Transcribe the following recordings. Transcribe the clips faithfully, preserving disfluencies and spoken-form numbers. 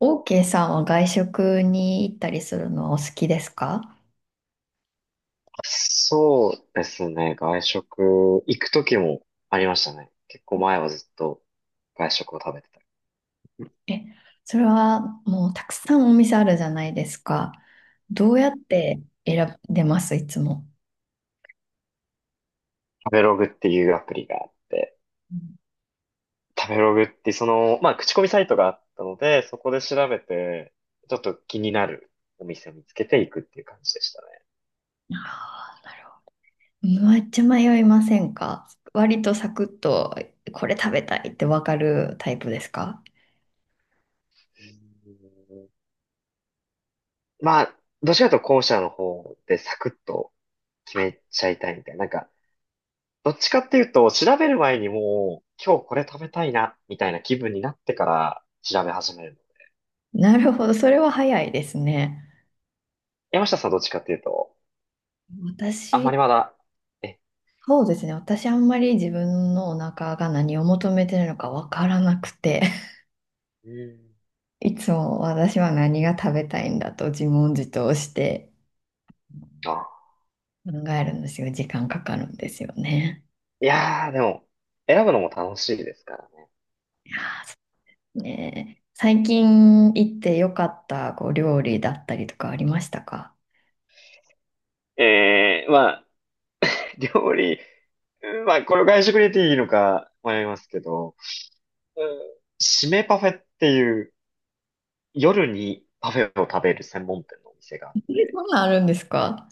OK さんは外食に行ったりするのはお好きですか？そうですね。外食、行く時もありましたね。結構前はずっと外食を食べてた。え、それはもうたくさんお店あるじゃないですか。どうやって選んでますいつも？食べログっていうアプリがあって、うん。食べログってその、まあ、口コミサイトがあったので、そこで調べて、ちょっと気になるお店を見つけていくっていう感じでしたね。あー、なるほど。めっちゃ迷いませんか？割とサクッとこれ食べたいってわかるタイプですか？うんまあ、どちらかというと後者の方でサクッと決めちゃいたいみたいな。なんか、どっちかっていうと、調べる前にもう、今日これ食べたいな、みたいな気分になってから調べ始める。なるほど、それは早いですね。山下さんどっちかっていうと、あんま私、りまだ、え、そうですね。私あんまり自分のお腹が何を求めてるのかわからなくて。うーん。いつも私は何が食べたいんだと自問自答してあ、考えるんですよ。時間かかるんですよね。いやー、でも、選ぶのも楽しいですからね。いやー、そうね。最近行ってよかったこう料理だったりとかありましたか？えー、まあ、料理、うんまあ、これを外食に入れていいのか迷いますけど、うん、締めパフェっていう、夜にパフェを食べる専門店のお店があっえ、て、そんなんあるんですか？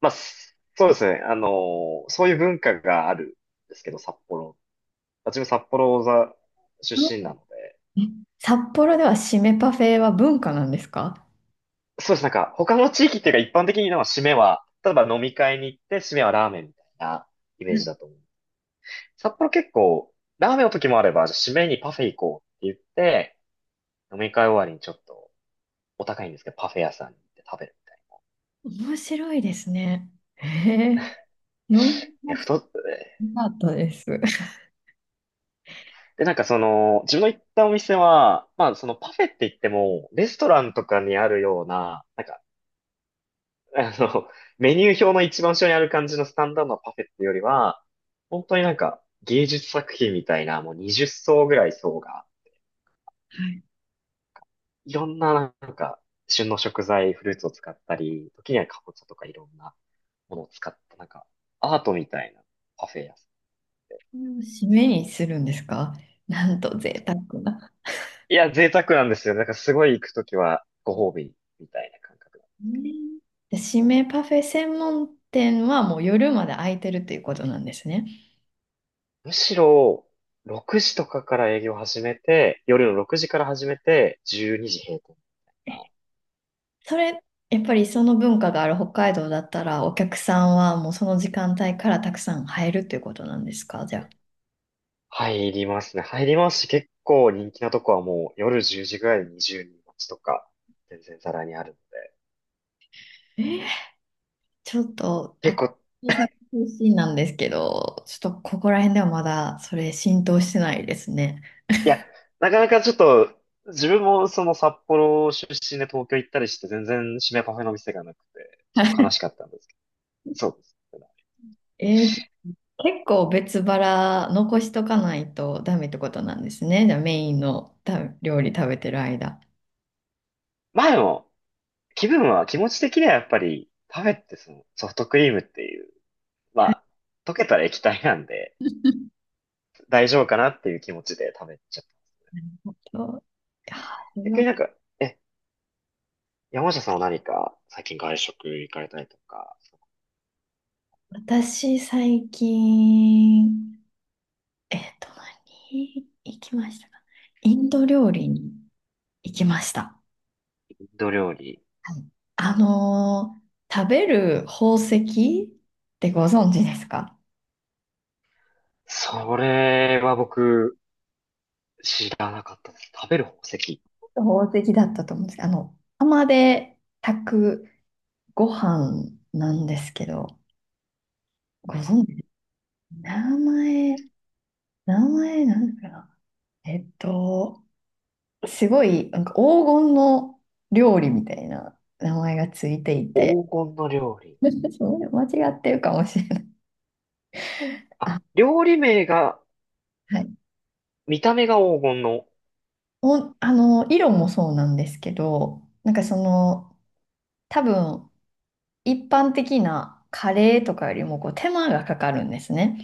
まあ、そうですね、あのーそういう文化があるんですけど、札幌自分札幌座出身なので。え、札幌では締めパフェは文化なんですか？そうです。なんか、他の地域っていうか一般的に、なんか締めは、例えば飲み会に行って締めはラーメンみたいなイメーうジん、だと思う。札幌結構、ラーメンの時もあれば、じゃあ締めにパフェ行こうって言って、飲み会終わりにちょっとお高いんですけど、パフェ屋さんに行って食べるみたい面白いですね。へえ、飲んだな。いや、こ太っ、となかったです。はで、なんかその、自分の行ったお店は、まあそのパフェって言っても、レストランとかにあるような、なんかあの、メニュー表の一番後ろにある感じのスタンダードなパフェっていうよりは、本当になんか芸術作品みたいな、もうにじっ層ぐらい層が、い。いろんな、なんか旬の食材、フルーツを使ったり、時にはカボチャとかいろんなものを使った、なんかアートみたいなパフェ屋さこれを締めにするんですか？なんと贅沢な。ん。いや、贅沢なんですよ。なんかすごい行くときはご褒美みたいな感覚だ。ね。で、締めパフェ専門店はもう夜まで開いてるということなんですね。むしろ、ろくじとかから営業始めて、夜のろくじから始めて、じゅうにじ閉店。それ、やっぱりその文化がある北海道だったら、お客さんはもうその時間帯からたくさん入るということなんですかじゃあ。入りますね。入りますし、結構人気なとこはもう夜じゅうじぐらいでにじゅうにん待ちとか、全然ざらにあるので。えーちょっと、結私構、大阪出身なんですけど、ちょっとここら辺ではまだそれ浸透してないですね。いや、なかなかちょっと、自分もその札幌出身で東京行ったりして全然締めパフェの店がなくて、ちょっと悲し かったんですけど。そうです。えー結構別腹残しとかないとダメってことなんですね。じゃあメインのた料理食べてる間。まあでも、気分は、気持ち的にはやっぱり、パフェってそのソフトクリームっていう、はまい。あ、溶けたら液体なんで、大丈夫かなっていう気持ちで食べちゃった。と、いや逆うになんか、え、山下さんは何か最近外食行かれたりとか。私、最近、えっと、何行きましたか？インド料理に行きました。インド料理。はい。あのー食べる宝石ってご存知ですか？それは僕知らなかったです。食べる宝石。宝石だったと思うんですけど、あの、釜で炊くご飯なんですけど、ご存知です？名前、名前なんだかな。えっと、すごい、なんか黄金の料理みたいな名前がついていて、黄金の料理。そう、間違ってるかもしれない。あ、あ、料理名が、はい。見た目が黄金の。お、あの、色もそうなんですけど、なんかその、多分、一般的なカレーとかよりもこう手間がかかるんですね。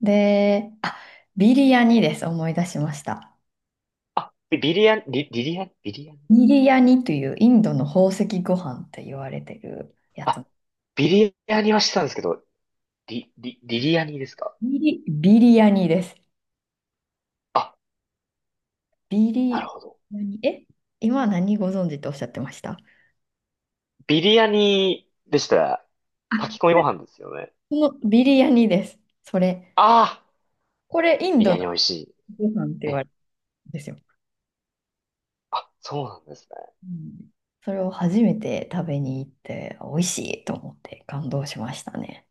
で、あ、ビリヤニです。思い出しました。あ、ビビリヤニ、リ、リリヤニ、ビリヤニ。ビリヤニというインドの宝石ご飯って言われてるやつ。あ、ビリヤニはしてたんですけど、リ、リ、リリヤニですか。ビリ、ビリヤニです。あ、ビなるリほど。ヤニ、え、今何ご存知とおっしゃってました？ビリヤニでしたら、あ、炊き込みこごれ、飯ですよね。そのビリヤニです。それ。ああ、これ、インビリドヤのニ美味しい。ご飯って言わえ、れるんですよ。あ、そうなんですね。うん。それを初めて食べに行って、美味しいと思って感動しましたね。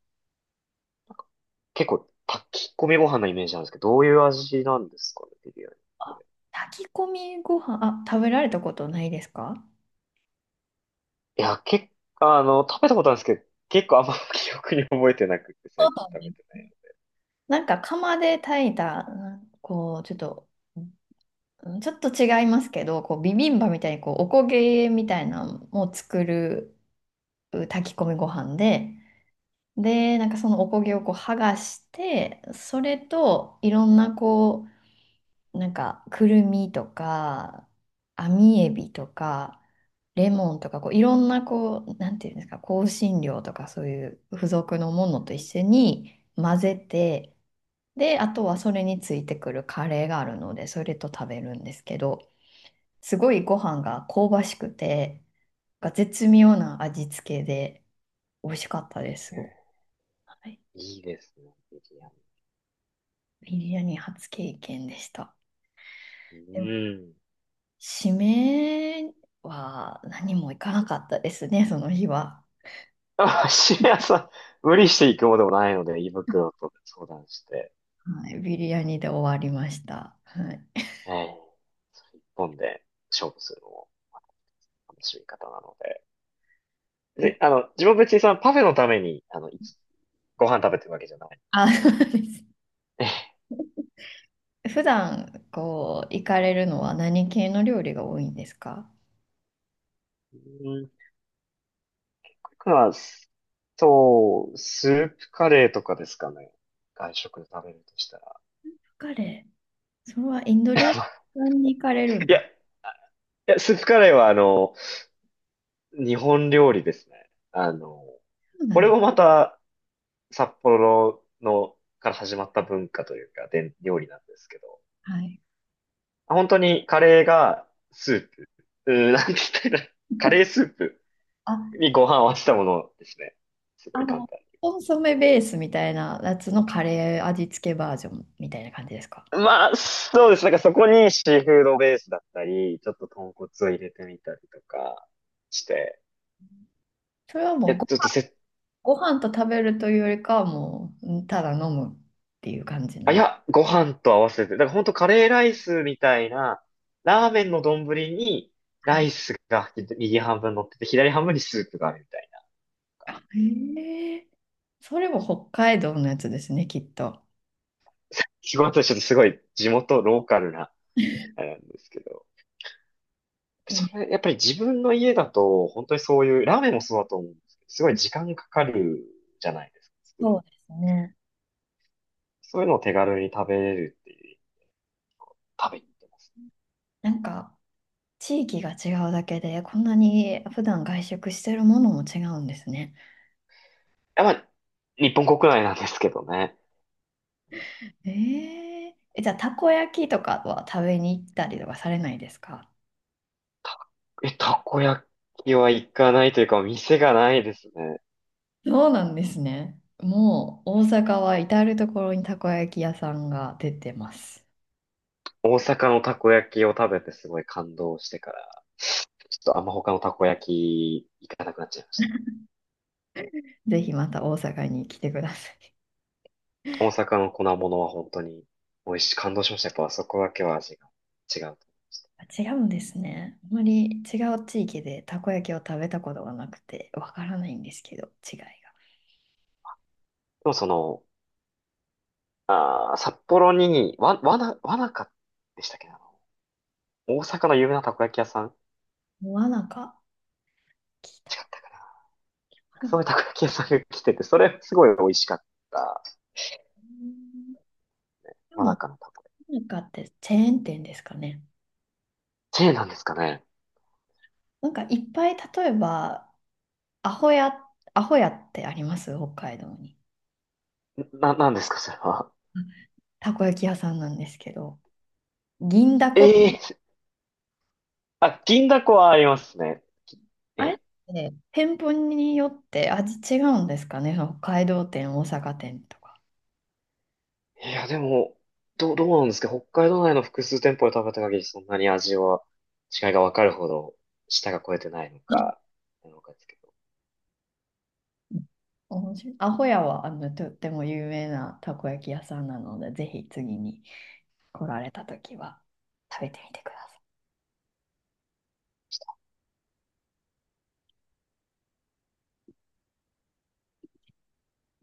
結構炊き込みご飯のイメージなんですけど、どういう味なんですかね、ビリヤニ。あ、炊き込みご飯、あ、食べられたことないですか？いや、結構、あの、食べたことあるんですけど、結構あんま 記憶に覚えてなくて、そう最近なん食べでてす。ない。なんか釜で炊いた、なんこう、ちょっと、うん、ちょっと違いますけど、こうビビンバみたいにこうおこげみたいなのを作るう炊き込みご飯で、で、なんかそのおこげをこう剥がして、それといろんなこう、なんかくるみとか、網エビとか、レモンとかこういろんなこう、なんていうんですか、香辛料とかそういう付属のもうのとん、一緒に混ぜて、で、あとはそれについてくるカレーがあるので、それと食べるんですけど、すごいご飯が香ばしくて、が絶妙な味付けで美味しかったです、すごく。えはい、ー、いいですね、ビリヤビリヤニ初経験でした。でニ。も、うん。締めは何もいかなかったですね、その日は。あ、シリアさん、無理していくものでもないので、胃袋と相談して、はい、ビリヤニで終わりました。はええ、それ一本で勝負するのも楽しみ方なので。い。で、えあの、自分は別にそのパフェのために、あの、いつご飯食べてるわけじゃない。あ、そうです。え。普段こう行かれるのは何系の料理が多いんですか？僕は、そう、スープカレーとかですかね。外食で食べるとしたら。カレー、それはインド料理 屋さんに行かれるの？いそや、いや、スープカレーはあの、日本料理ですね。あの、うなこんれです。もまた札幌の、から始まった文化というか、伝料理なんですけど、はい。本当にカレーがスープ、うーん、なんて言ったらいいの、カレースープあ、にご飯を合わせたものですね。すごあい簡の、単。コンソメベースみたいなやつのカレー味付けバージョンみたいな感じですか？まあ、そうです。なんかそこにシーフードベースだったり、ちょっと豚骨を入れてみたりとかして、それはいもや、うごちょっとせ、ご飯と食べるというよりかはもう、うん、ただ飲むっていう感じなあ、いんで。や、ご飯と合わせて、だから本当カレーライスみたいな、ラーメンの丼に、はラい。イスが右半分乗ってて、左半分にスープがあるみたいな。あ、へえ。それも北海道のやつですね、きっと。仕事はちょっとすごい地元ローカルな、あれなんですけど。いい、それ、やっぱり自分の家だと、本当にそういう、ラーメンもそうだと思うんですけど、すごい時間かかるじゃないですか、作そる。うですね。そういうのを手軽に食べれるっていう食べに行ってます。なんか、地域が違うだけで、こんなに普段外食してるものも違うんですね。やっぱ、日本国内なんですけどね。えー、え、じゃあ、たこ焼きとかは食べに行ったりとかされないですか？たえ、たこ焼きは行かないというか、店がないですね。そうなんですね。もう、大阪は至る所にたこ焼き屋さんが出てます。大阪のたこ焼きを食べてすごい感動してから、ちょっとあんま他のたこ焼き行かなくなっちゃいました。ぜひまた大阪に来てください。大阪の粉物は本当に美味しい、感動しました。やっぱあそこだけは味が違うと思いました。であ、違うんですね。あまり違う地域でたこ焼きを食べたことがなくてわからないんですけど、違いが。もその、あー札幌に、わ、わな、わなかでしたっけな、あの大阪の有名なたこ焼き屋さん、違っモアナカ聞いたたこかな、とかなそうい。いうたこ焼き屋さんが来てて、それすごい美味しかった。うん。で真も、中のたこ焼モアナカってチェーン店ですかね。き。チェーンなんですかね。なんかいっぱい、例えば、アホや、アホやってあります北海道に。な、なんですか、それは。うん、たこ焼き屋さんなんですけど、銀だこ、ええ、あ、銀だこはありますね。あれっえて店舗によって味違うんですかね、その北海道店、大阪店とか。え。いや、でも、どう、どうなんですか、北海道内の複数店舗で食べた限りそんなに味は違いが分かるほど舌が超えてないのか、なのかですけど。面白い。アホヤはあのとっても有名なたこ焼き屋さんなので、ぜひ次に来られた時は食べてみてください。